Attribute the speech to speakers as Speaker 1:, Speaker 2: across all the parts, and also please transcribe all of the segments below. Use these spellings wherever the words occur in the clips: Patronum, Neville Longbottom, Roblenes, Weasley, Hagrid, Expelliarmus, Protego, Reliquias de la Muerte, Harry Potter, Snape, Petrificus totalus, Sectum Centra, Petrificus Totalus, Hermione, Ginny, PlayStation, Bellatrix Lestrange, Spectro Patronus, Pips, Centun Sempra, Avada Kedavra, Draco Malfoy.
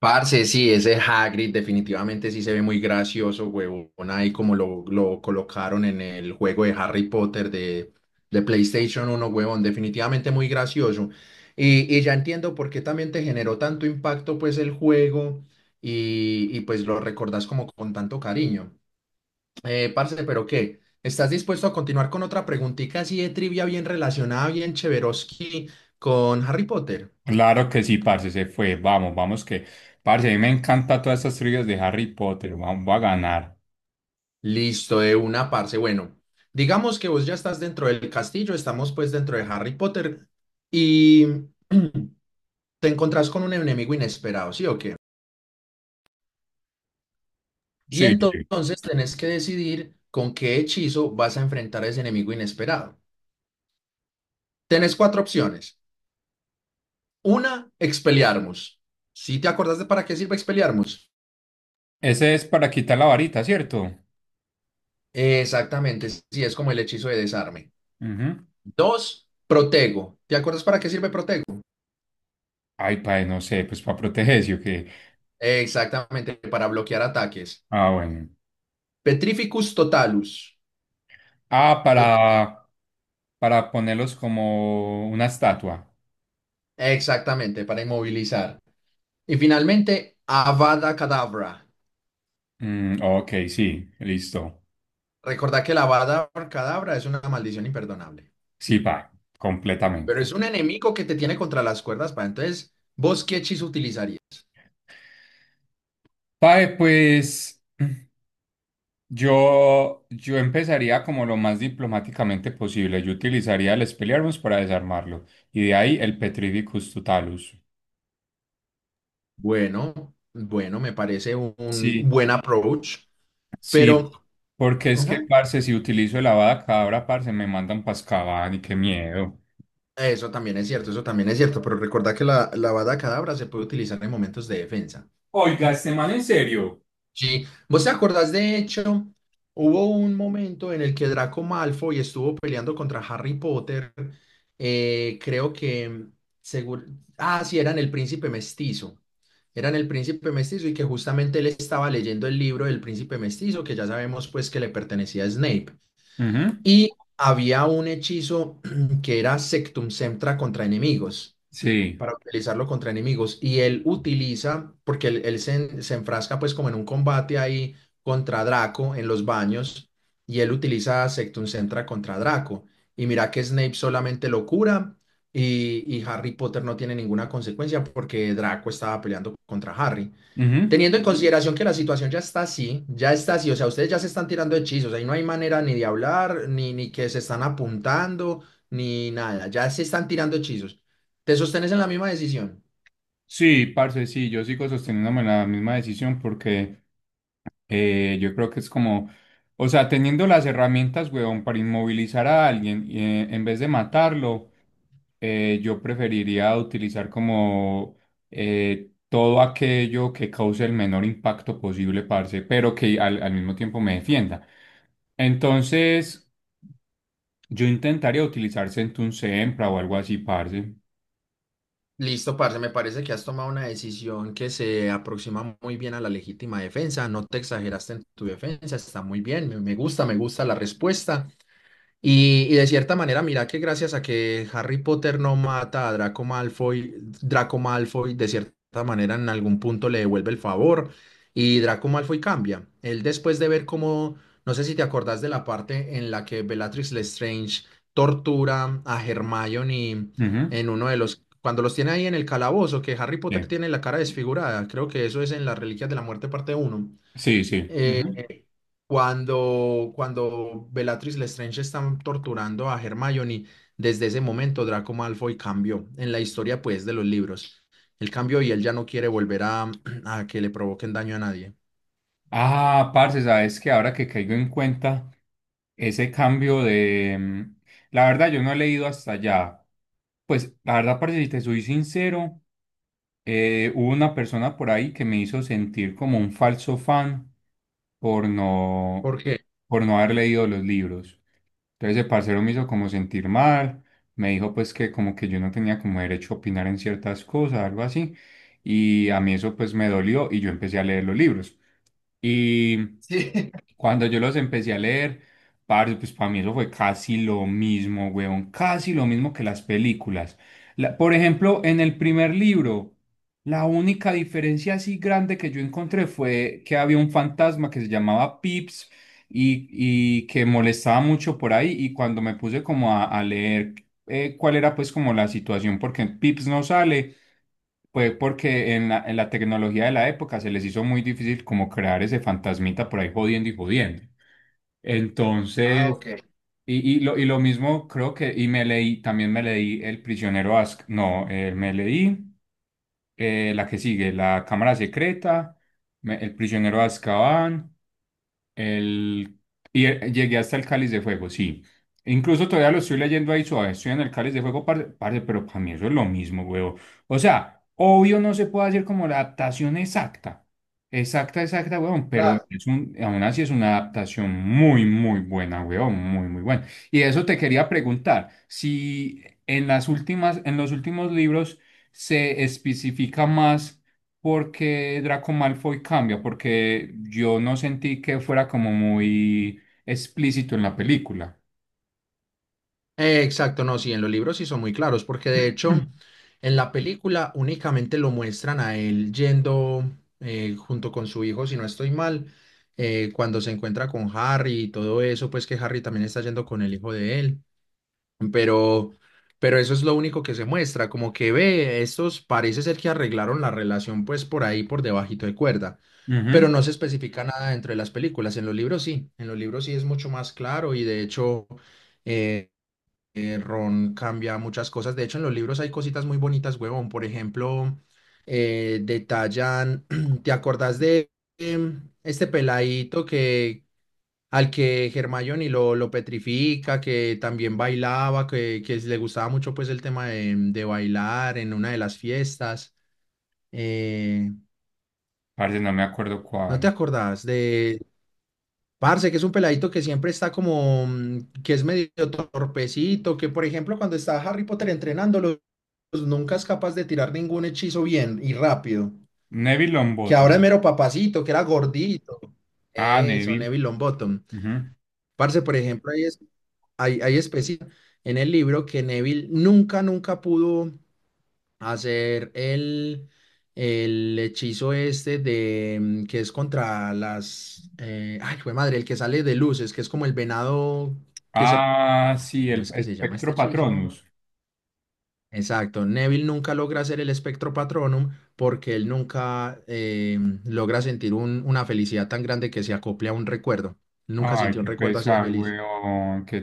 Speaker 1: Parce, sí, ese Hagrid definitivamente sí se ve muy gracioso, huevón, ahí como lo colocaron en el juego de Harry Potter de PlayStation uno huevón, definitivamente muy gracioso. Y ya entiendo por qué también te generó tanto impacto pues el juego pues lo recordás como con tanto cariño. Parce, ¿pero qué? ¿Estás dispuesto a continuar con otra preguntita así de trivia bien relacionada, bien cheveroski con Harry Potter?
Speaker 2: Claro que sí, parce, se fue. Vamos, vamos que. Parce, a mí me encanta todas estas trivias de Harry Potter. Vamos, va a ganar.
Speaker 1: Listo, de una parce. Bueno, digamos que vos ya estás dentro del castillo, estamos pues dentro de Harry Potter y te encontrás con un enemigo inesperado, ¿sí o qué? Y
Speaker 2: Sí, sí.
Speaker 1: entonces tenés que decidir con qué hechizo vas a enfrentar a ese enemigo inesperado. Tenés cuatro opciones. Una, Expelliarmus. ¿Sí te acordás de para qué sirve Expelliarmus?
Speaker 2: Ese es para quitar la varita, ¿cierto?
Speaker 1: Exactamente, sí, es como el hechizo de desarme.
Speaker 2: Ujú.
Speaker 1: Dos, Protego. ¿Te acuerdas para qué sirve Protego?
Speaker 2: Ay, padre, no sé, pues para protegerse o qué.
Speaker 1: Exactamente, para bloquear ataques.
Speaker 2: Ah, bueno.
Speaker 1: Petrificus totalus.
Speaker 2: Ah,
Speaker 1: Lo te-
Speaker 2: para, para ponerlos como una estatua.
Speaker 1: Exactamente, para inmovilizar. Y finalmente, Avada Kedavra.
Speaker 2: Ok, sí, listo.
Speaker 1: Recordad que la Avada Kedavra es una maldición imperdonable,
Speaker 2: Sí, pa, completamente.
Speaker 1: pero es un enemigo que te tiene contra las cuerdas. Para entonces, ¿vos qué hechizo utilizarías?
Speaker 2: Pae, pues. Yo empezaría como lo más diplomáticamente posible. Yo utilizaría el Expelliarmus para desarmarlo y de ahí el Petrificus Totalus.
Speaker 1: Bueno, bueno, me parece un
Speaker 2: Sí,
Speaker 1: buen approach,
Speaker 2: sí.
Speaker 1: pero
Speaker 2: Porque es que,
Speaker 1: ujú,
Speaker 2: parce, si utilizo el Avada Kedavra, parce, me mandan pascaban y qué miedo.
Speaker 1: eso también es cierto, eso también es cierto. Pero recuerda que la Avada Kedavra se puede utilizar en momentos de defensa.
Speaker 2: Oiga, este man en serio.
Speaker 1: Sí, ¿vos te acordás de hecho? Hubo un momento en el que Draco Malfoy estuvo peleando contra Harry Potter, creo que, seguro, ah, sí, eran el príncipe mestizo, eran el príncipe mestizo y que justamente él estaba leyendo el libro del príncipe mestizo, que ya sabemos pues que le pertenecía a Snape,
Speaker 2: Ujú.
Speaker 1: y había un hechizo que era Sectum Centra contra enemigos
Speaker 2: Sí,
Speaker 1: para utilizarlo contra enemigos. Y él utiliza, porque se enfrasca pues como en un combate ahí contra Draco en los baños, y él utiliza Sectum Centra contra Draco. Y mira que Snape solamente lo cura y Harry Potter no tiene ninguna consecuencia porque Draco estaba peleando contra Harry.
Speaker 2: ujú.
Speaker 1: Teniendo en consideración que la situación ya está así, o sea, ustedes ya se están tirando hechizos, ahí no hay manera ni de hablar, ni que se están apuntando, ni nada, ya se están tirando hechizos. ¿Te sostenes en la misma decisión?
Speaker 2: Sí, parce, sí, yo sigo sosteniéndome la misma decisión porque yo creo que es o sea, teniendo las herramientas, weón, para inmovilizar a alguien, en vez de matarlo, yo preferiría utilizar como todo aquello que cause el menor impacto posible, parce, pero que al mismo tiempo me defienda. Entonces, yo intentaría utilizar Centun Sempra o algo así, parce.
Speaker 1: Listo, parce, me parece que has tomado una decisión que se aproxima muy bien a la legítima defensa, no te exageraste en tu defensa, está muy bien, me gusta, me gusta la respuesta. Y de cierta manera, mira que gracias a que Harry Potter no mata a Draco Malfoy, Draco Malfoy de cierta manera en algún punto le devuelve el favor y Draco Malfoy cambia. Él después de ver cómo, no sé si te acordás de la parte en la que Bellatrix Lestrange tortura a Hermione
Speaker 2: Ujú,
Speaker 1: en uno de los, cuando los tiene ahí en el calabozo, que Harry Potter
Speaker 2: bien.
Speaker 1: tiene la cara desfigurada, creo que eso es en las Reliquias de la Muerte parte uno
Speaker 2: Sí, sí.
Speaker 1: cuando Bellatrix Lestrange están torturando a Hermione, desde ese momento Draco Malfoy cambió en la historia pues de los libros. Él cambió y él ya no quiere volver a que le provoquen daño a nadie.
Speaker 2: Ah, parce, sabes que ahora que caigo en cuenta ese cambio de. La verdad, yo no he leído hasta allá. Pues la verdad, parce, si te soy sincero, hubo una persona por ahí que me hizo sentir como un falso fan por
Speaker 1: ¿Por qué?
Speaker 2: por no haber leído los libros. Entonces el parcero me hizo como sentir mal, me dijo pues que como que yo no tenía como derecho a opinar en ciertas cosas, algo así. Y a mí eso pues me dolió y yo empecé a leer los libros. Y
Speaker 1: Sí.
Speaker 2: cuando yo los empecé a leer, parce, pues para mí eso fue casi lo mismo, weón, casi lo mismo que las películas. Por ejemplo, en el primer libro, la única diferencia así grande que yo encontré fue que había un fantasma que se llamaba Pips y, y que molestaba mucho por ahí y cuando me puse como a leer cuál era pues como la situación, porque Pips no sale, pues porque en en la tecnología de la época se les hizo muy difícil como crear ese fantasmita por ahí jodiendo y jodiendo.
Speaker 1: Ah,
Speaker 2: Entonces,
Speaker 1: ok.
Speaker 2: y lo mismo creo que, y me leí, también me leí El prisionero Ask, no, me leí la que sigue, La cámara secreta, El prisionero de Azkaban. El, y llegué hasta el Cáliz de Fuego, sí. Incluso todavía lo estoy leyendo ahí suave. Estoy en el Cáliz de Fuego, parce, pero para mí eso es lo mismo, huevo. O sea, obvio no se puede hacer como la adaptación exacta. Exacta, exacta, huevón. Pero
Speaker 1: Claro.
Speaker 2: es un, aún así es una adaptación muy, muy buena, huevón. Muy, muy buena. Y eso te quería preguntar. Si en las últimas, en los últimos libros se especifica más porque Draco Malfoy cambia, porque yo no sentí que fuera como muy explícito en la película.
Speaker 1: Exacto, no, sí, en los libros sí son muy claros, porque de
Speaker 2: Mm.
Speaker 1: hecho en la película únicamente lo muestran a él yendo junto con su hijo, si no estoy mal, cuando se encuentra con Harry y todo eso, pues que Harry también está yendo con el hijo de él, pero, pero eso es lo único que se muestra, como que ve, estos parece ser que arreglaron la relación pues por ahí, por debajito de cuerda,
Speaker 2: Ujú.
Speaker 1: pero no se especifica nada dentro de las películas, en los libros sí, en los libros sí es mucho más claro y de hecho... eh, Ron cambia muchas cosas. De hecho, en los libros hay cositas muy bonitas, huevón. Por ejemplo, detallan, ¿te acordás de este peladito que al que Hermione lo petrifica, que también bailaba, que le gustaba mucho pues el tema de bailar en una de las fiestas? Eh,
Speaker 2: Parce, no me acuerdo
Speaker 1: ¿No te
Speaker 2: cuál.
Speaker 1: acordás de Parce, que es un peladito que siempre está como, mm, que es medio torpecito, que por ejemplo cuando está Harry Potter entrenándolo, pues, nunca es capaz de tirar ningún hechizo bien y rápido.
Speaker 2: Neville
Speaker 1: Que ahora es
Speaker 2: Longbottom.
Speaker 1: mero papacito, que era gordito.
Speaker 2: Ah,
Speaker 1: Eso,
Speaker 2: Neville.
Speaker 1: Neville Longbottom.
Speaker 2: Ujú.
Speaker 1: Parce, por ejemplo, hay, hay especies en el libro que Neville nunca, nunca pudo hacer el hechizo este de mm, que es contra las ay, jue madre, el que sale de luces, que es como el venado que se
Speaker 2: Ah, sí,
Speaker 1: ¿cómo es que
Speaker 2: el
Speaker 1: se llama este
Speaker 2: Spectro
Speaker 1: hechizo?
Speaker 2: Patronus.
Speaker 1: Exacto, Neville nunca logra hacer el espectro patronum porque él nunca logra sentir una felicidad tan grande que se acople a un recuerdo. Nunca
Speaker 2: Ay,
Speaker 1: sintió un
Speaker 2: qué
Speaker 1: recuerdo así de
Speaker 2: pesar,
Speaker 1: feliz.
Speaker 2: weón, qué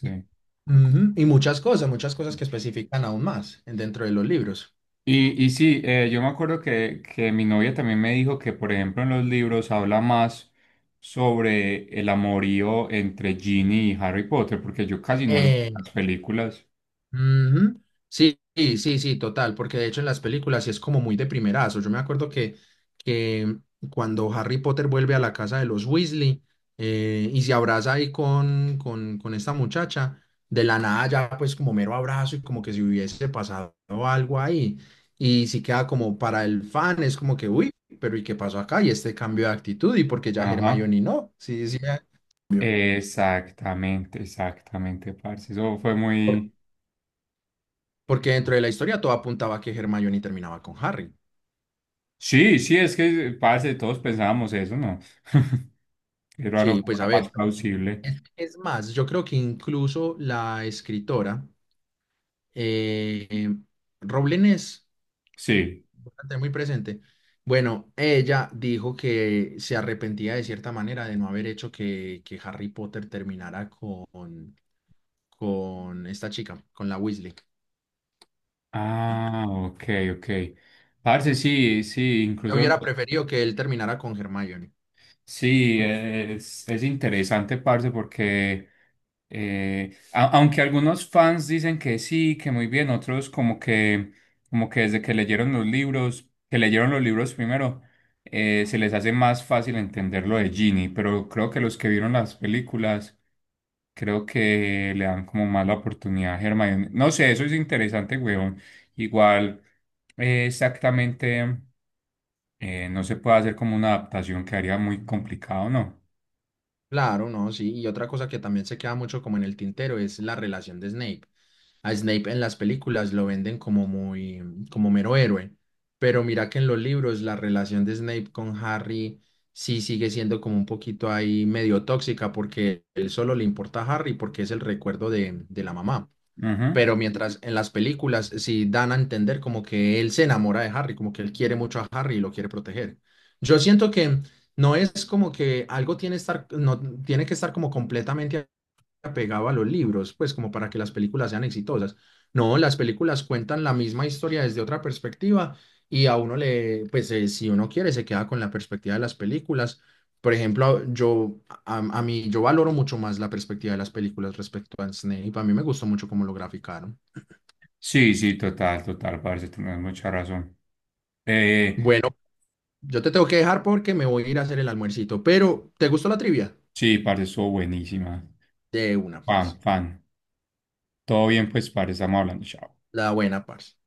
Speaker 1: Y, ujú, y muchas cosas que especifican aún más dentro de los libros.
Speaker 2: Y sí, yo me acuerdo que mi novia también me dijo que, por ejemplo, en los libros habla más sobre el amorío entre Ginny y Harry Potter, porque yo casi no lo veo en las películas.
Speaker 1: Ujú. Sí, sí, sí, sí, total, porque de hecho en las películas sí es como muy de primerazo. Yo me acuerdo que cuando Harry Potter vuelve a la casa de los Weasley y se abraza ahí con esta muchacha, de la nada ya pues como mero abrazo y como que si hubiese pasado algo ahí. Y sí queda como para el fan, es como que, uy, pero ¿y qué pasó acá? Y este cambio de actitud y porque ya
Speaker 2: Ajá.
Speaker 1: Hermione no, sí, sí, eh,
Speaker 2: Exactamente, exactamente, parce. Eso fue
Speaker 1: por-
Speaker 2: muy...
Speaker 1: porque dentro de la historia todo apuntaba a que Hermione terminaba con Harry.
Speaker 2: Sí, sí, es que, parce, todos pensábamos eso, ¿no? Era lo
Speaker 1: Sí,
Speaker 2: como
Speaker 1: pues a
Speaker 2: lo más
Speaker 1: ver,
Speaker 2: plausible.
Speaker 1: es más, yo creo que incluso la escritora, eh, eh, Roblenes,
Speaker 2: Sí.
Speaker 1: voy a tener muy presente, bueno, ella dijo que se arrepentía de cierta manera de no haber hecho que Harry Potter terminara con esta chica, con la Weasley.
Speaker 2: Ah, ok, ok. Parce, sí, sí,
Speaker 1: Yo
Speaker 2: incluso...
Speaker 1: hubiera preferido que él terminara con Hermione.
Speaker 2: Sí, es interesante, parce, porque aunque algunos fans dicen que sí, que muy bien, otros como como que desde que leyeron los libros, que leyeron los libros primero, se les hace más fácil entender lo de Ginny, pero creo que los que vieron las películas, creo que le dan como más la oportunidad a Hermione. No sé, eso es interesante, weón. Igual, exactamente, no se puede hacer como una adaptación que haría muy complicado, ¿no?
Speaker 1: Claro, no, sí. Y otra cosa que también se queda mucho como en el tintero es la relación de Snape. A Snape en las películas lo venden como muy, como mero héroe, pero mira que en los libros la relación de Snape con Harry sí sigue siendo como un poquito ahí medio tóxica porque él solo le importa a Harry porque es el recuerdo de la mamá.
Speaker 2: Ujú.
Speaker 1: Pero mientras en las películas sí dan a entender como que él se enamora de Harry, como que él quiere mucho a Harry y lo quiere proteger. Yo siento que no es como que algo tiene estar, no tiene que estar como completamente apegado a los libros, pues como para que las películas sean exitosas. No, las películas cuentan la misma historia desde otra perspectiva y a uno le, pues si uno quiere, se queda con la perspectiva de las películas. Por ejemplo, a mí, yo valoro mucho más la perspectiva de las películas respecto a Snape. A mí me gustó mucho cómo lo graficaron.
Speaker 2: Sí, sí, total, total, parce, tenés mucha razón. Eh,
Speaker 1: Bueno, yo te tengo que dejar porque me voy a ir a hacer el almuercito, pero ¿te gustó la trivia?
Speaker 2: sí, parce, estuvo buenísima.
Speaker 1: De una, parce.
Speaker 2: Fan, fan. Todo bien, pues, parce, estamos hablando. Chao.
Speaker 1: La buena, parce.